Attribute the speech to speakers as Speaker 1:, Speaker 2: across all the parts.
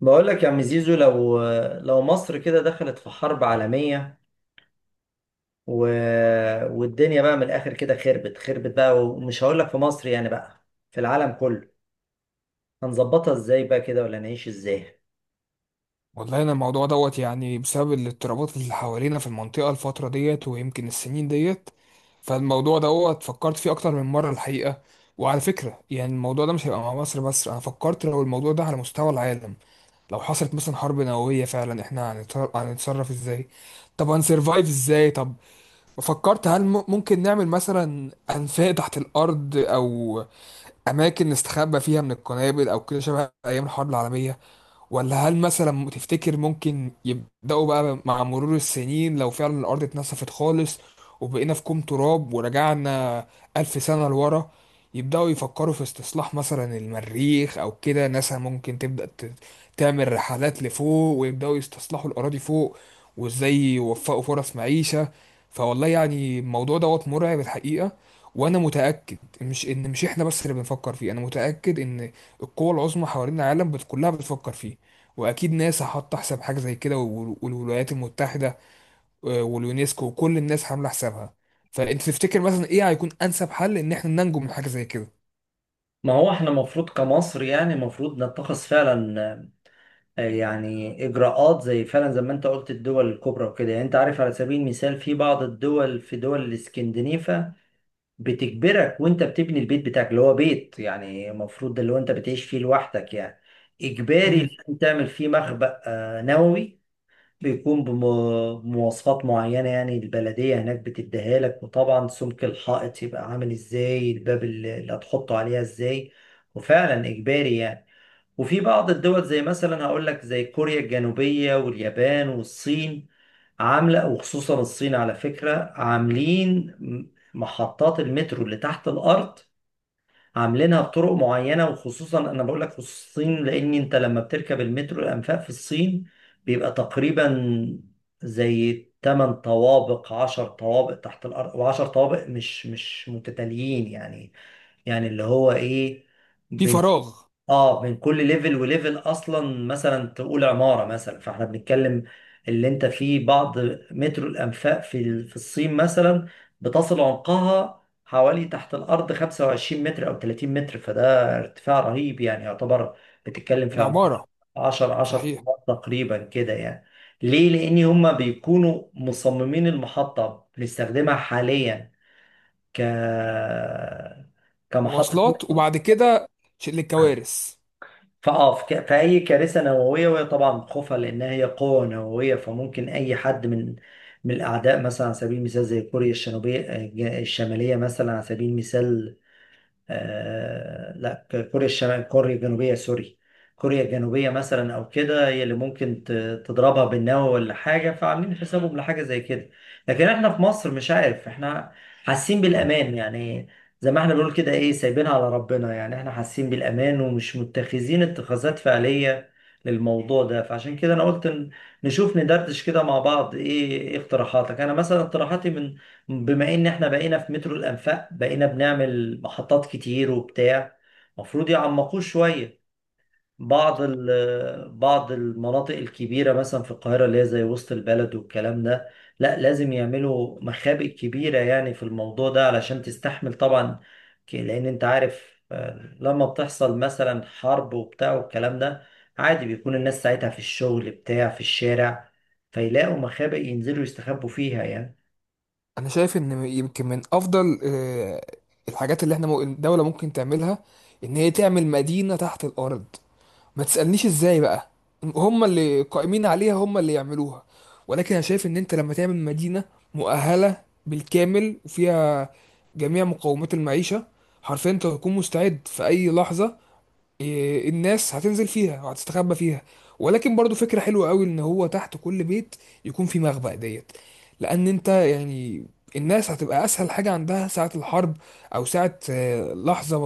Speaker 1: بقول لك يا عم زيزو، لو مصر كده دخلت في حرب عالمية، و... والدنيا بقى من الآخر كده خربت خربت بقى، ومش هقول لك في مصر يعني، بقى في العالم كله. هنظبطها ازاي بقى كده؟ ولا نعيش ازاي؟
Speaker 2: والله، انا الموضوع دوت بسبب الاضطرابات اللي حوالينا في المنطقه الفتره ديت ويمكن السنين ديت. فالموضوع دوت فكرت فيه اكتر من مره الحقيقه. وعلى فكره الموضوع ده مش هيبقى مع مصر بس، انا فكرت لو الموضوع ده على مستوى العالم. لو حصلت مثلا حرب نوويه فعلا، احنا هنتصرف ازاي؟ طب هنسرفايف ازاي؟ طب فكرت، هل ممكن نعمل مثلا انفاق تحت الارض او اماكن نستخبى فيها من القنابل او كده شبه ايام الحرب العالميه؟ ولا هل مثلا تفتكر ممكن يبدأوا بقى مع مرور السنين، لو فعلا الأرض اتنسفت خالص وبقينا في كوم تراب ورجعنا 1000 سنة لورا، يبدأوا يفكروا في استصلاح مثلا المريخ، أو كده ناسا ممكن تبدأ تعمل رحلات لفوق ويبدأوا يستصلحوا الأراضي فوق، وإزاي يوفقوا فرص معيشة؟ فوالله يعني الموضوع دوت مرعب الحقيقة. وأنا متأكد مش إحنا بس اللي بنفكر فيه، أنا متأكد إن القوى العظمى حوالين العالم كلها بتفكر فيه. واكيد ناسا حاطه حساب حاجه زي كده، والولايات المتحده، واليونسكو، وكل الناس عامله حسابها. فانت تفتكر مثلا ايه هيكون انسب حل ان احنا ننجو من حاجه زي كده؟
Speaker 1: ما هو احنا المفروض كمصر، يعني المفروض نتخذ فعلا، يعني إجراءات، زي فعلا زي ما انت قلت الدول الكبرى وكده. يعني انت عارف، على سبيل المثال في بعض الدول، في دول الاسكندنيفة، بتجبرك وانت بتبني البيت بتاعك اللي هو بيت، يعني المفروض ده اللي هو انت بتعيش فيه لوحدك يعني، اجباري
Speaker 2: امم.
Speaker 1: لازم تعمل فيه مخبأ، نووي. بيكون بم- بمواصفات معينة يعني، البلدية هناك بتديها لك، وطبعا سمك الحائط يبقى عامل ازاي، الباب اللي هتحطه عليها ازاي، وفعلا اجباري يعني. وفي بعض الدول زي مثلا هقول لك زي كوريا الجنوبية واليابان والصين، عاملة. وخصوصا الصين على فكرة، عاملين محطات المترو اللي تحت الأرض عاملينها بطرق معينة. وخصوصا أنا بقول لك خصوصا الصين، لأن أنت لما بتركب المترو الأنفاق في الصين بيبقى تقريبا زي 8 طوابق 10 طوابق تحت الأرض، و10 طوابق مش متتاليين يعني. يعني اللي هو إيه،
Speaker 2: في فراغ.
Speaker 1: اه، من كل ليفل وليفل، اصلا مثلا تقول عماره مثلا. فاحنا بنتكلم اللي انت فيه بعض متر، الانفاق في الصين مثلا بتصل عمقها حوالي تحت الارض 25 متر او 30 متر، فده ارتفاع رهيب يعني يعتبر، بتتكلم في
Speaker 2: ده
Speaker 1: عماره
Speaker 2: عماره.
Speaker 1: 10 10
Speaker 2: صحيح.
Speaker 1: طوبات تقريبا كده يعني. ليه؟ لان هما بيكونوا مصممين المحطه بنستخدمها حاليا ك كمحطه،
Speaker 2: مواصلات، وبعد كده شيء للكوارث.
Speaker 1: في اي كارثه نوويه. وهي طبعا خوفها لانها هي قوه نوويه، فممكن اي حد من من الاعداء، مثلا على سبيل المثال زي كوريا الشماليه مثلا على سبيل المثال. آه لا كوريا الشمال كوريا الجنوبية سوري كوريا الجنوبية مثلا أو كده، هي اللي تضربها بالنووي ولا حاجة، فعاملين حسابهم لحاجة زي كده. لكن احنا في مصر، مش عارف، احنا حاسين بالأمان يعني. زي ما احنا بنقول كده، ايه، سايبينها على ربنا يعني، احنا حاسين بالأمان، ومش متخذين اتخاذات فعلية للموضوع ده. فعشان كده انا قلت نشوف ندردش كده مع بعض. ايه إيه اقتراحاتك؟ انا مثلا اقتراحاتي، من بما ان احنا بقينا في مترو الانفاق بقينا بنعمل محطات كتير وبتاع، المفروض يعمقوه شويه. بعض المناطق الكبيره مثلا في القاهره، اللي هي زي وسط البلد والكلام ده، لا لازم يعملوا مخابئ كبيره يعني في الموضوع ده علشان تستحمل طبعا. لان انت عارف لما بتحصل مثلا حرب وبتاع والكلام ده، عادي بيكون الناس ساعتها في الشغل بتاع في الشارع، فيلاقوا مخابئ ينزلوا يستخبوا فيها يعني.
Speaker 2: انا شايف ان يمكن من افضل الحاجات اللي احنا الدوله ممكن تعملها ان هي تعمل مدينه تحت الارض. ما تسألنيش ازاي بقى، هم اللي قائمين عليها هم اللي يعملوها. ولكن انا شايف ان انت لما تعمل مدينة مؤهلة بالكامل وفيها جميع مقومات المعيشة، حرفيا انت هتكون مستعد في اي لحظة. إيه، الناس هتنزل فيها وهتستخبى فيها. ولكن برضو فكرة حلوة قوي ان هو تحت كل بيت يكون في مخبأ ديت. لان انت يعني الناس هتبقى اسهل حاجة عندها ساعة الحرب او ساعة لحظة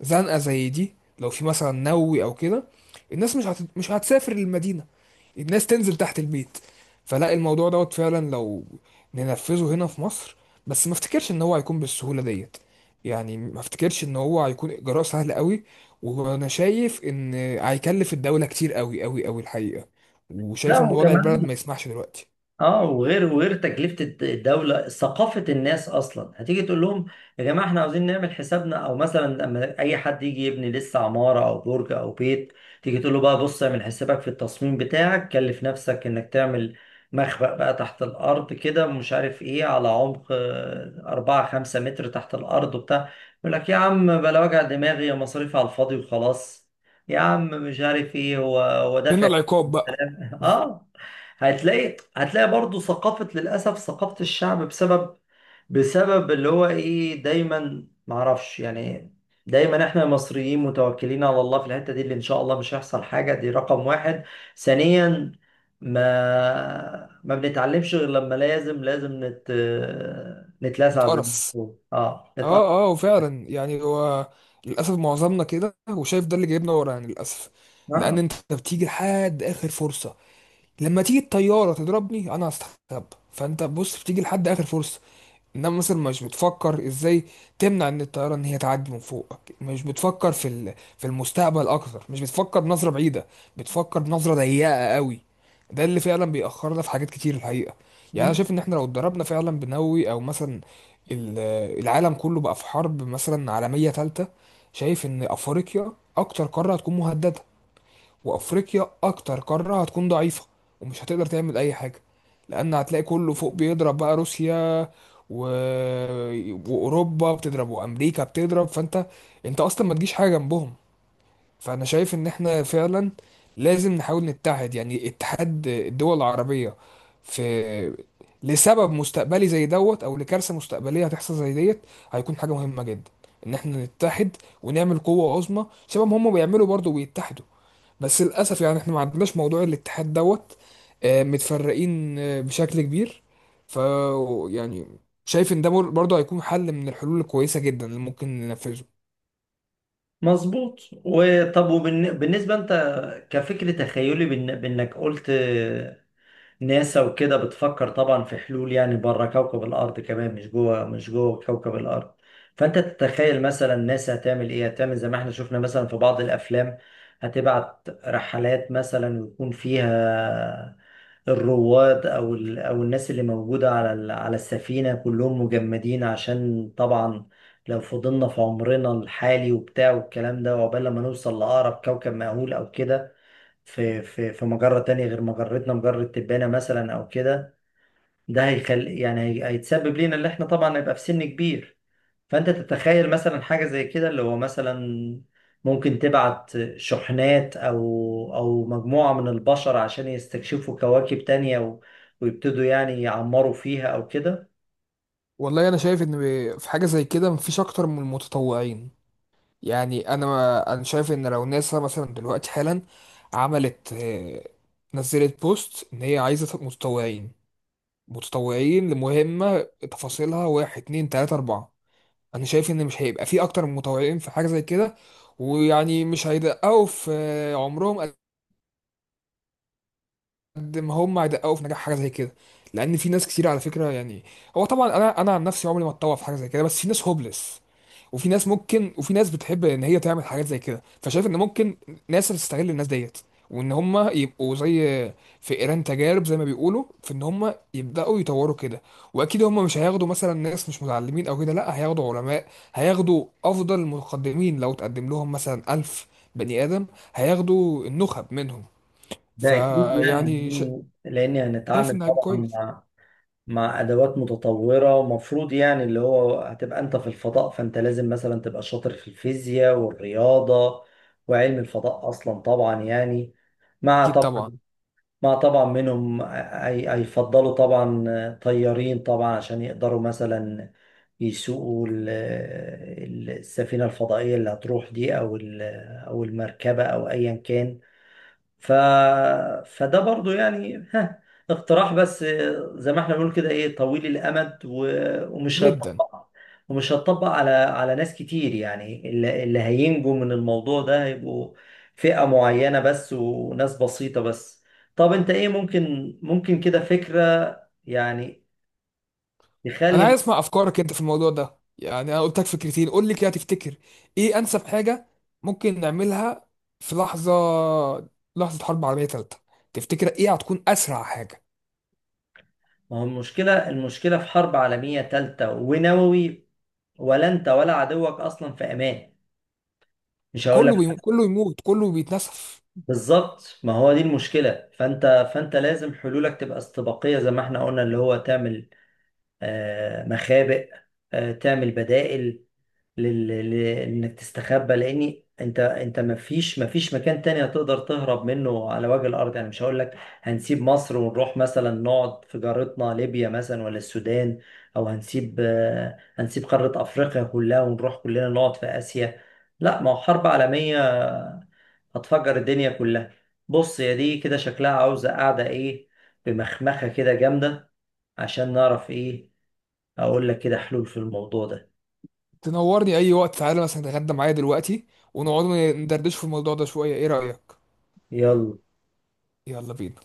Speaker 2: زنقة زي دي. لو في مثلا نووي او كده، الناس مش هتسافر للمدينة، الناس تنزل تحت البيت. فلا، الموضوع دوت فعلا لو ننفذه هنا في مصر، بس ما افتكرش ان هو هيكون بالسهولة ديت. يعني ما افتكرش ان هو هيكون اجراء سهل قوي، وانا شايف ان هيكلف الدولة كتير قوي قوي قوي الحقيقة،
Speaker 1: لا،
Speaker 2: وشايف ان وضع البلد
Speaker 1: وكمان،
Speaker 2: ما يسمحش دلوقتي.
Speaker 1: اه، وغير تكلفة الدولة ثقافة الناس اصلا. هتيجي تقول لهم يا جماعة احنا عاوزين نعمل حسابنا، او مثلا لما اي حد يجي يبني لسه عمارة او برج او بيت، تيجي تقول له بقى بص اعمل حسابك في التصميم بتاعك، كلف نفسك انك تعمل مخبأ بقى تحت الارض كده، مش عارف ايه، على عمق 4 5 متر تحت الارض وبتاع، يقول لك يا عم بلا وجع دماغي، يا مصاريف على الفاضي وخلاص. يا عم مش عارف ايه، هو
Speaker 2: هنا
Speaker 1: دافع.
Speaker 2: العقاب بقى.
Speaker 1: اه، هتلاقي هتلاقي برضو ثقافة، للأسف ثقافة الشعب، بسبب اللي هو ايه، دايما معرفش يعني، دايما احنا المصريين متوكلين على الله في الحتة دي، اللي ان شاء الله مش هيحصل حاجة، دي رقم واحد. ثانيا، ما ما بنتعلمش غير لما لازم، لازم نتلسع زي ما
Speaker 2: اتقرص.
Speaker 1: بنقول. اه، نتقطع
Speaker 2: اه، اه، وفعلا يعني هو للاسف معظمنا كده، وشايف ده اللي جايبنا ورا يعني للاسف. لان
Speaker 1: آه.
Speaker 2: انت بتيجي لحد اخر فرصة، لما تيجي الطيارة تضربني انا هستخبى، فانت بص بتيجي لحد اخر فرصة. انما مثلا مش بتفكر ازاي تمنع ان الطياره ان هي تعدي من فوقك، مش بتفكر في المستقبل اكتر، مش بتفكر بنظره بعيده، بتفكر بنظره ضيقه قوي. ده اللي فعلا بيأخرنا في حاجات كتير الحقيقه. يعني انا شايف ان احنا لو اتدربنا فعلا بنووي، او مثلا ال- العالم كله بقى في حرب مثلا عالميه ثالثه، شايف ان افريقيا اكتر قاره هتكون مهدده، وافريقيا اكتر قاره هتكون ضعيفه ومش هتقدر تعمل اي حاجه. لان هتلاقي كله فوق بيضرب بقى، روسيا و... واوروبا بتضرب وامريكا بتضرب. فانت، انت اصلا ما تجيش حاجه جنبهم. فانا شايف ان احنا فعلا لازم نحاول نتحد، يعني اتحاد الدول العربيه في لسبب مستقبلي زي دوت او لكارثه مستقبليه هتحصل زي ديت، هيكون حاجه مهمه جدا ان احنا نتحد ونعمل قوه عظمى شبه ما هم بيعملوا برضه بيتحدوا. بس للاسف يعني احنا ما عندناش موضوع الاتحاد دوت، متفرقين بشكل كبير. ف، يعني شايف ان ده برضه هيكون حل من الحلول الكويسه جدا اللي ممكن ننفذه.
Speaker 1: مظبوط. وطب وبالنسبة انت كفكر، تخيلي بانك قلت ناسا وكده بتفكر طبعا في حلول يعني بره كوكب الأرض كمان، مش جوه مش جوه كوكب الأرض. فأنت تتخيل مثلا ناسا هتعمل إيه؟ هتعمل زي ما احنا شفنا مثلا في بعض الأفلام، هتبعت رحلات مثلا، ويكون فيها الرواد أو الناس اللي موجودة على السفينة كلهم مجمدين، عشان طبعا لو فضلنا في عمرنا الحالي وبتاع والكلام ده، وعقبال لما نوصل لأقرب كوكب مأهول أو كده في في مجرة تانية غير مجرتنا، مجرة تبانة مثلا أو كده، ده هيخل يعني هيتسبب لينا، اللي احنا طبعا هيبقى في سن كبير. فأنت تتخيل مثلا حاجة زي كده، اللي هو مثلا ممكن تبعت شحنات، أو أو مجموعة من البشر، عشان يستكشفوا كواكب تانية، ويبتدوا يعني يعمروا فيها أو كده.
Speaker 2: والله انا شايف ان في حاجه زي كده مفيش اكتر من المتطوعين. يعني انا شايف ان لو ناسا مثلا دلوقتي حالا عملت نزلت بوست ان هي عايزه متطوعين، متطوعين لمهمه تفاصيلها واحد اتنين تلاته اربعه. انا شايف ان مش هيبقى في اكتر من مطوعين في حاجه زي كده. ويعني مش هيدققوا في عمرهم قد ما هم هيدققوا في نجاح حاجه زي كده. لان في ناس كتير على فكره، يعني هو طبعا انا عن نفسي عمري ما اتطوع في حاجه زي كده، بس في ناس هوبلس، وفي ناس ممكن، وفي ناس بتحب ان هي تعمل حاجات زي كده. فشايف ان ممكن ناس تستغل الناس ديت وان هم يبقوا زي فئران تجارب، زي ما بيقولوا، في ان هم يبداوا يطوروا كده. واكيد هم مش هياخدوا مثلا ناس مش متعلمين او كده، لا، هياخدوا علماء، هياخدوا افضل المتقدمين. لو تقدم لهم مثلا 1000 بني ادم، هياخدوا النخب منهم.
Speaker 1: ده أكيد يعني،
Speaker 2: فيعني
Speaker 1: لأن لأن
Speaker 2: شايف
Speaker 1: هنتعامل
Speaker 2: انه هيبقى
Speaker 1: طبعا
Speaker 2: كويس.
Speaker 1: مع ادوات متطوره، ومفروض يعني اللي هو، هتبقى انت في الفضاء، فانت لازم مثلا تبقى شاطر في الفيزياء والرياضه وعلم الفضاء اصلا طبعا يعني. مع
Speaker 2: اكيد
Speaker 1: طبعا
Speaker 2: طبعا.
Speaker 1: منهم هيفضلوا طبعا طيارين طبعا، عشان يقدروا مثلا يسوقوا السفينه الفضائيه اللي هتروح دي، او المركبه او ايا كان. ف... فده برضو يعني ها، اقتراح بس، زي ما احنا بنقول كده ايه، طويل الامد، ومش
Speaker 2: جدا.
Speaker 1: هيطبق، ومش هتطبق على على ناس كتير يعني. اللي، اللي هينجوا من الموضوع ده هيبقوا فئة معينة بس، وناس بسيطة بس. طب انت ايه؟ ممكن كده فكرة يعني
Speaker 2: انا
Speaker 1: تخلي.
Speaker 2: عايز اسمع افكارك انت في الموضوع ده، يعني انا قلت لك فكرتين، قول لي كده، تفتكر ايه انسب حاجه ممكن نعملها في لحظه، لحظه حرب عالميه ثالثه؟ تفتكر ايه هتكون اسرع حاجه؟
Speaker 1: ما هو المشكلة في حرب عالمية تالتة ونووي، ولا انت ولا عدوك اصلا في امان. مش هقول
Speaker 2: كله
Speaker 1: لك.
Speaker 2: كله يموت، كله بيتنسف.
Speaker 1: بالظبط، ما هو دي المشكلة. فانت لازم حلولك تبقى استباقية، زي ما احنا قلنا، اللي هو تعمل مخابئ، تعمل بدائل انك تستخبى، لان انت انت ما فيش مكان تاني هتقدر تهرب منه على وجه الارض يعني. مش هقول لك هنسيب مصر ونروح مثلا نقعد في جارتنا ليبيا مثلا، ولا السودان، او هنسيب هنسيب قارة افريقيا كلها ونروح كلنا نقعد في اسيا. لا، ما هو حرب عالمية هتفجر الدنيا كلها. بص، يا دي كده شكلها عاوزة قاعدة ايه، بمخمخة كده جامدة، عشان نعرف ايه، اقول لك كده حلول في الموضوع ده.
Speaker 2: تنورني اي وقت، تعالى مثلا تتغدى معايا دلوقتي ونقعد ندردش في الموضوع ده شويه، ايه رايك؟
Speaker 1: يلا.
Speaker 2: يلا بينا.